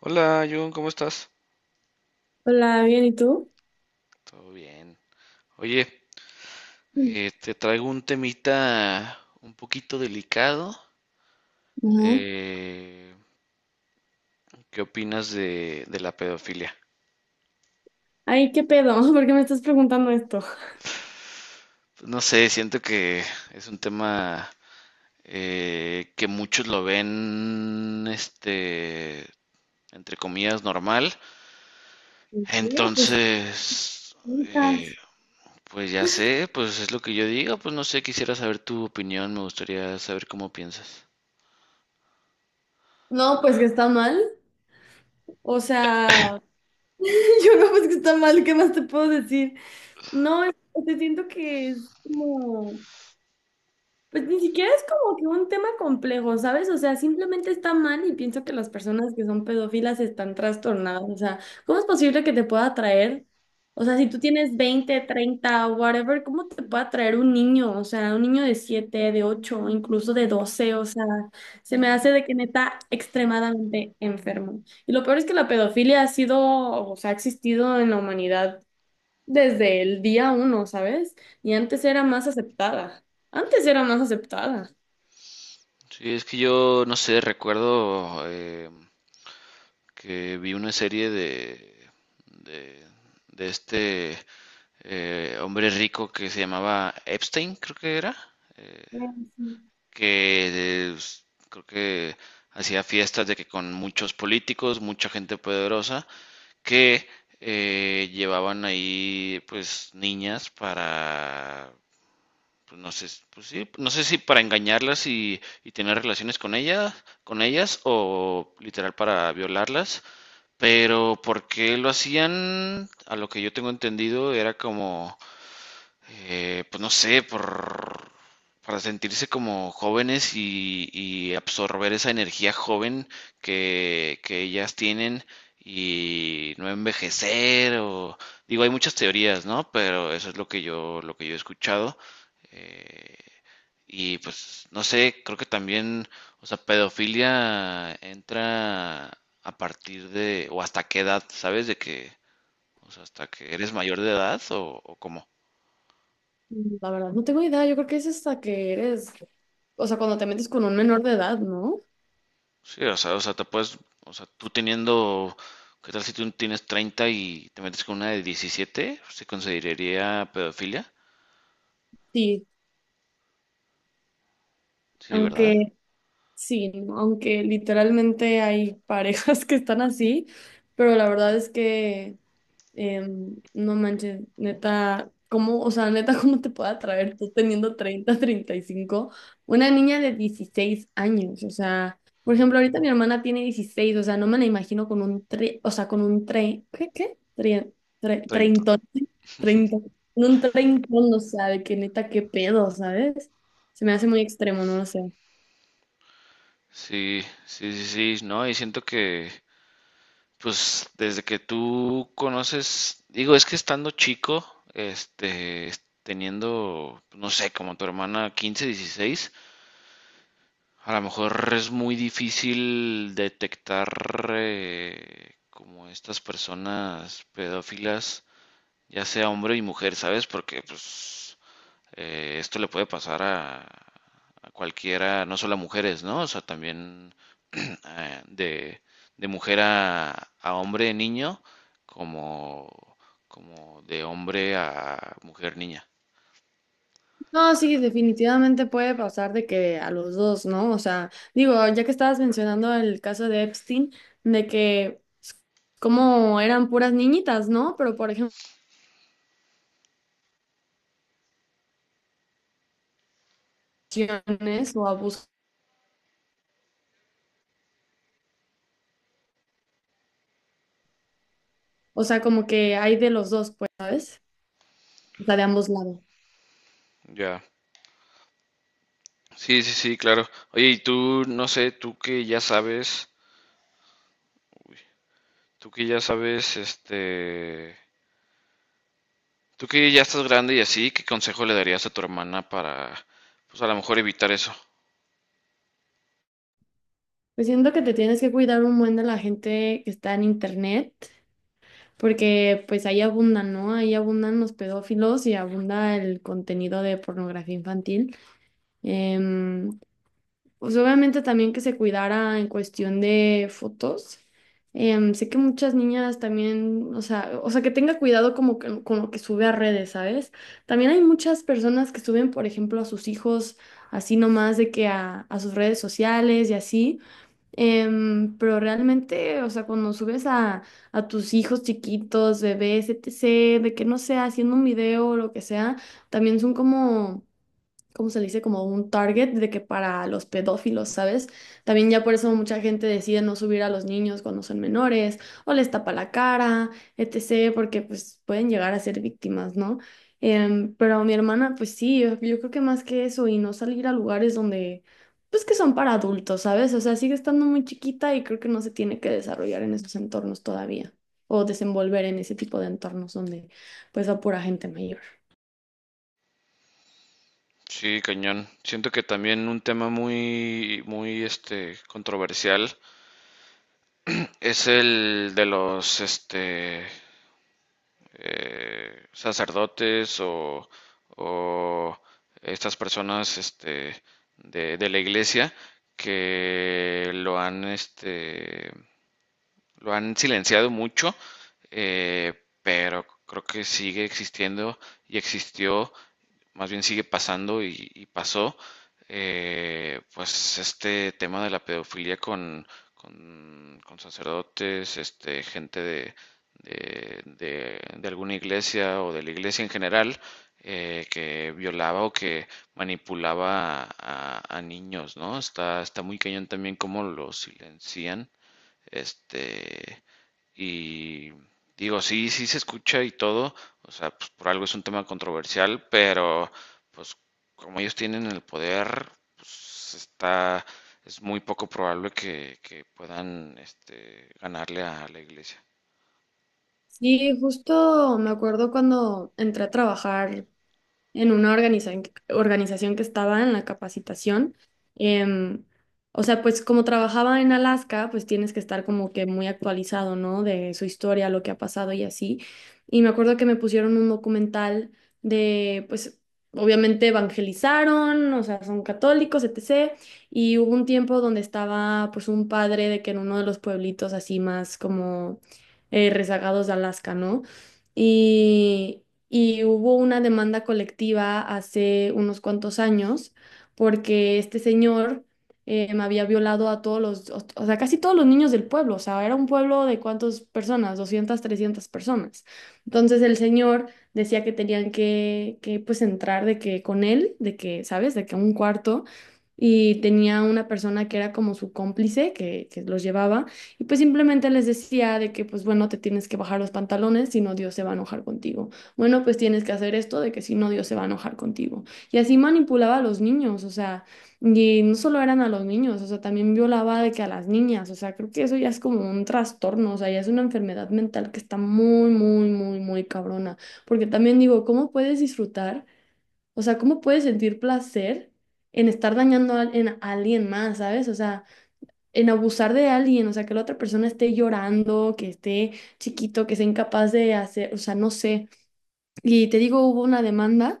Hola, Jun, ¿cómo estás? Hola, bien, ¿y tú? Todo bien. Oye, Mm. Te traigo un temita un poquito delicado. Ajá. Eh, ¿Qué opinas de la pedofilia? Ay, ¿qué pedo? ¿Por qué me estás preguntando esto? No sé, siento que es un tema que muchos lo ven, este, entre comillas, normal. ¿Qué? Pues Entonces, eh, juntas. pues ya sé, pues es lo que yo digo. Pues no sé, quisiera saber tu opinión, me gustaría saber cómo piensas. No, pues que está mal. O sea, yo no, pues que está mal, ¿qué más te puedo decir? No, es- te siento que es como. Pues ni siquiera es como que un tema complejo, ¿sabes? O sea, simplemente está mal y pienso que las personas que son pedófilas están trastornadas. O sea, ¿cómo es posible que te pueda atraer? O sea, si tú tienes 20, 30, whatever, ¿cómo te puede atraer un niño? O sea, un niño de 7, de 8, incluso de 12. O sea, se me hace de que neta extremadamente enfermo. Y lo peor es que la pedofilia ha sido, o sea, ha existido en la humanidad desde el día uno, ¿sabes? Y antes era más aceptada. Antes era más aceptada. Sí, es que yo, no sé, recuerdo que vi una serie de, de este hombre rico que se llamaba Epstein, creo que era, Mm, sí. que eh, s- creo que hacía fiestas de que con muchos políticos, mucha gente poderosa, que llevaban ahí pues niñas para pues no sé, pues sí, no sé si para engañarlas y tener relaciones con ellas, o literal para violarlas, pero ¿por qué lo hacían? A lo que yo tengo entendido era como pues no sé, para sentirse como jóvenes y absorber esa energía joven que ellas tienen y no envejecer o digo, hay muchas teorías, ¿no? Pero eso es lo que yo he escuchado. eh, y pues no sé, creo que también, o sea, pedofilia entra a partir de, o hasta qué edad, ¿sabes? De que, o sea, hasta que eres mayor de edad o cómo. Mm, la verdad, no tengo idea. Yo creo que es hasta que eres, o sea, cuando te metes con un menor de edad, ¿no? Sí, o sea, te puedes, o sea, tú teniendo, ¿qué tal si tú tienes 30 y te metes con una de 17? ¿Se consideraría pedofilia? Sí, Sí, ¿verdad? aunque, sí, ¿no?, aunque literalmente hay parejas que están así, pero la verdad es que. No manches, neta, ¿cómo, o sea, neta, cómo te puede atraer tú teniendo 30, 35, una niña de 16 años? O sea, por ejemplo, ahorita mi hermana tiene 16, o sea, no me la imagino con un tre, o sea, con un tre, ¿qué, qué? Tre, tre- 30. treintón, treintón, con un treintón, o sea, de que neta, qué pedo, ¿sabes? Se me hace muy extremo, no lo sé. Sí, sí, sí, sí, no, y siento que, pues, desde que tú conoces, digo, es que estando chico, este, teniendo, no sé, como tu hermana 15, 16, a lo mejor es muy difícil detectar como estas personas pedófilas ya sea hombre y mujer, ¿sabes? Porque pues esto le puede pasar a cualquiera, no solo a mujeres, ¿no? O sea, también eh, de, de mujer a hombre niño, como, como de hombre a mujer niña. No, sí, definitivamente puede pasar de que a los dos, ¿no? O sea, digo, ya que estabas mencionando el caso de Epstein, de que s- como eran puras niñitas, ¿no? Pero por ejemplo, violaciones o abuso, o sea, como que hay de los dos, pues, ¿sabes? O sea, de ambos lados. Ya. Sí, sí, sí, claro. Oye, y tú, no sé, tú que ya sabes, este, tú que ya estás grande y así, ¿qué consejo le darías a tu hermana para, pues a lo mejor evitar eso? Pues siento que te tienes que cuidar un buen de la gente que está en internet, porque pues ahí abundan, ¿no? Ahí abundan los pedófilos y abunda el contenido de pornografía infantil. Em, Pues obviamente también que se cuidara en cuestión de fotos. Sé que muchas niñas también, o sea, que tenga cuidado como que con lo que sube a redes, ¿sabes? También hay muchas personas que suben, por ejemplo, a sus hijos así nomás de que a sus redes sociales y así. Pero realmente, o sea, cuando subes a tus hijos chiquitos, bebés, etc., de que no sea haciendo un video o lo que sea, también son como, ¿cómo se le dice? Como un target de que para los pedófilos, ¿sabes? También ya por eso mucha gente decide no subir a los niños cuando son menores o les tapa la cara, etcétera, porque pues pueden llegar a ser víctimas, ¿no? Pero mi hermana, pues sí, yo creo que más que eso y no salir a lugares donde, pues que son para adultos, ¿sabes? O sea, sigue estando muy chiquita y creo que no se tiene que desarrollar en esos entornos todavía, o desenvolver en ese tipo de entornos donde pues va pura gente mayor. Sí, cañón. Siento que también un tema muy, muy, este, controversial es el de los, este, sacerdotes o estas personas, este, de la iglesia que lo han, este, lo han silenciado mucho, eh, pero creo que sigue existiendo y existió, más bien sigue pasando y pasó, pues este tema de la pedofilia con sacerdotes, este, gente de alguna iglesia o de la iglesia en general, que violaba o que manipulaba a niños, ¿no? Está, está muy cañón también cómo lo silencian este, y digo, sí, sí se escucha y todo, o sea, pues por algo es un tema controversial, pero pues como ellos tienen el poder, pues está, es muy poco probable que puedan este, ganarle a la iglesia. Sí, justo me acuerdo cuando entré a trabajar en una organización que estaba en la capacitación. em, o sea, pues como trabajaba en Alaska, pues tienes que estar como que muy actualizado, ¿no? De su historia, lo que ha pasado y así. Y me acuerdo que me pusieron un documental de, pues, obviamente evangelizaron, o sea, son católicos, etc. Y hubo un tiempo donde estaba, pues, un padre de que en uno de los pueblitos así más como rezagados de Alaska, ¿no? Y, y hubo una demanda colectiva hace unos cuantos años porque este señor me había violado a todos los, o sea, casi todos los niños del pueblo. O sea, era un pueblo de cuántas personas, 200, 300 personas. Entonces el señor decía que tenían que pues entrar de que con él, de que, ¿sabes? De que un cuarto. Y tenía una persona que era como su cómplice, que los llevaba, y pues simplemente les decía de que, pues bueno, te tienes que bajar los pantalones, si no Dios se va a enojar contigo. Bueno, pues tienes que hacer esto de que si no Dios se va a enojar contigo. Y así manipulaba a los niños, o sea, y no solo eran a los niños, o sea, también violaba de que a las niñas, o sea, creo que eso ya es como un trastorno, o sea, ya es una enfermedad mental que está muy, muy, muy, muy cabrona. Porque también digo, ¿cómo puedes disfrutar? O sea, ¿cómo puedes sentir placer en estar dañando a, en a alguien más, ¿sabes? O sea, en abusar de alguien, o sea, que la otra persona esté llorando, que esté chiquito, que sea incapaz de hacer, o sea, no sé. Y te digo, hubo una demanda,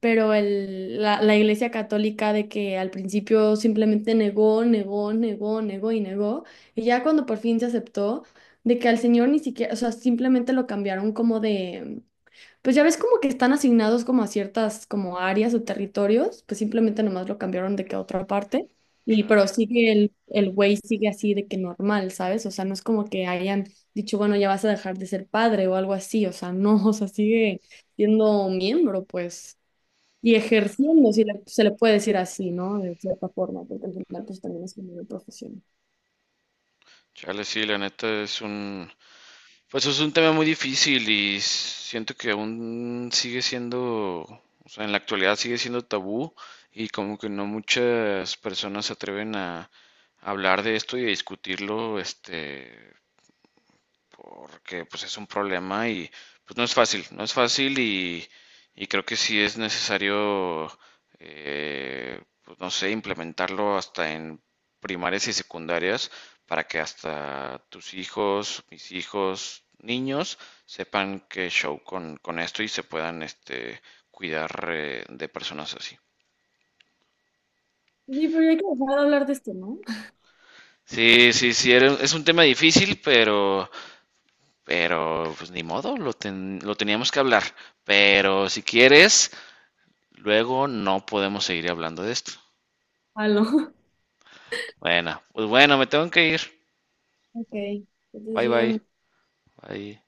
pero la Iglesia Católica de que al principio simplemente negó, negó, negó, negó y negó, y ya cuando por fin se aceptó, de que al señor ni siquiera, o sea, simplemente lo cambiaron como de, pues ya ves como que están asignados como a ciertas como áreas o territorios, pues simplemente nomás lo cambiaron de que a otra parte. Y pero Chale. sigue el güey sigue así de que normal, ¿sabes? O sea, no es como que hayan dicho, bueno, ya vas a dejar de ser padre o algo así, o sea, no, o sea, sigue siendo miembro, pues, y ejerciendo, si se le puede decir así, ¿no? De cierta forma, porque al final pues también es como una profesión. Chale, sí, la neta es un, pues es un tema muy difícil y siento que aún sigue siendo, o sea, en la actualidad sigue siendo tabú y como que no muchas personas se atreven a hablar de esto y a discutirlo, este, porque pues es un problema y pues no es fácil, no es fácil y creo que sí es necesario, pues no sé, implementarlo hasta en primarias y secundarias para que hasta tus hijos, mis hijos, niños sepan qué show con esto y se puedan este, cuidar de personas así. Sí, pero ya hay que dejar de hablar de esto, ¿no? Sí, sí, sí, es un tema difícil, pero pues ni modo, lo teníamos que hablar. Pero si quieres, luego no podemos seguir hablando de esto. Aló. Bueno, pues bueno, me tengo que ir. Ok, entonces Bye bye. bien. Bye.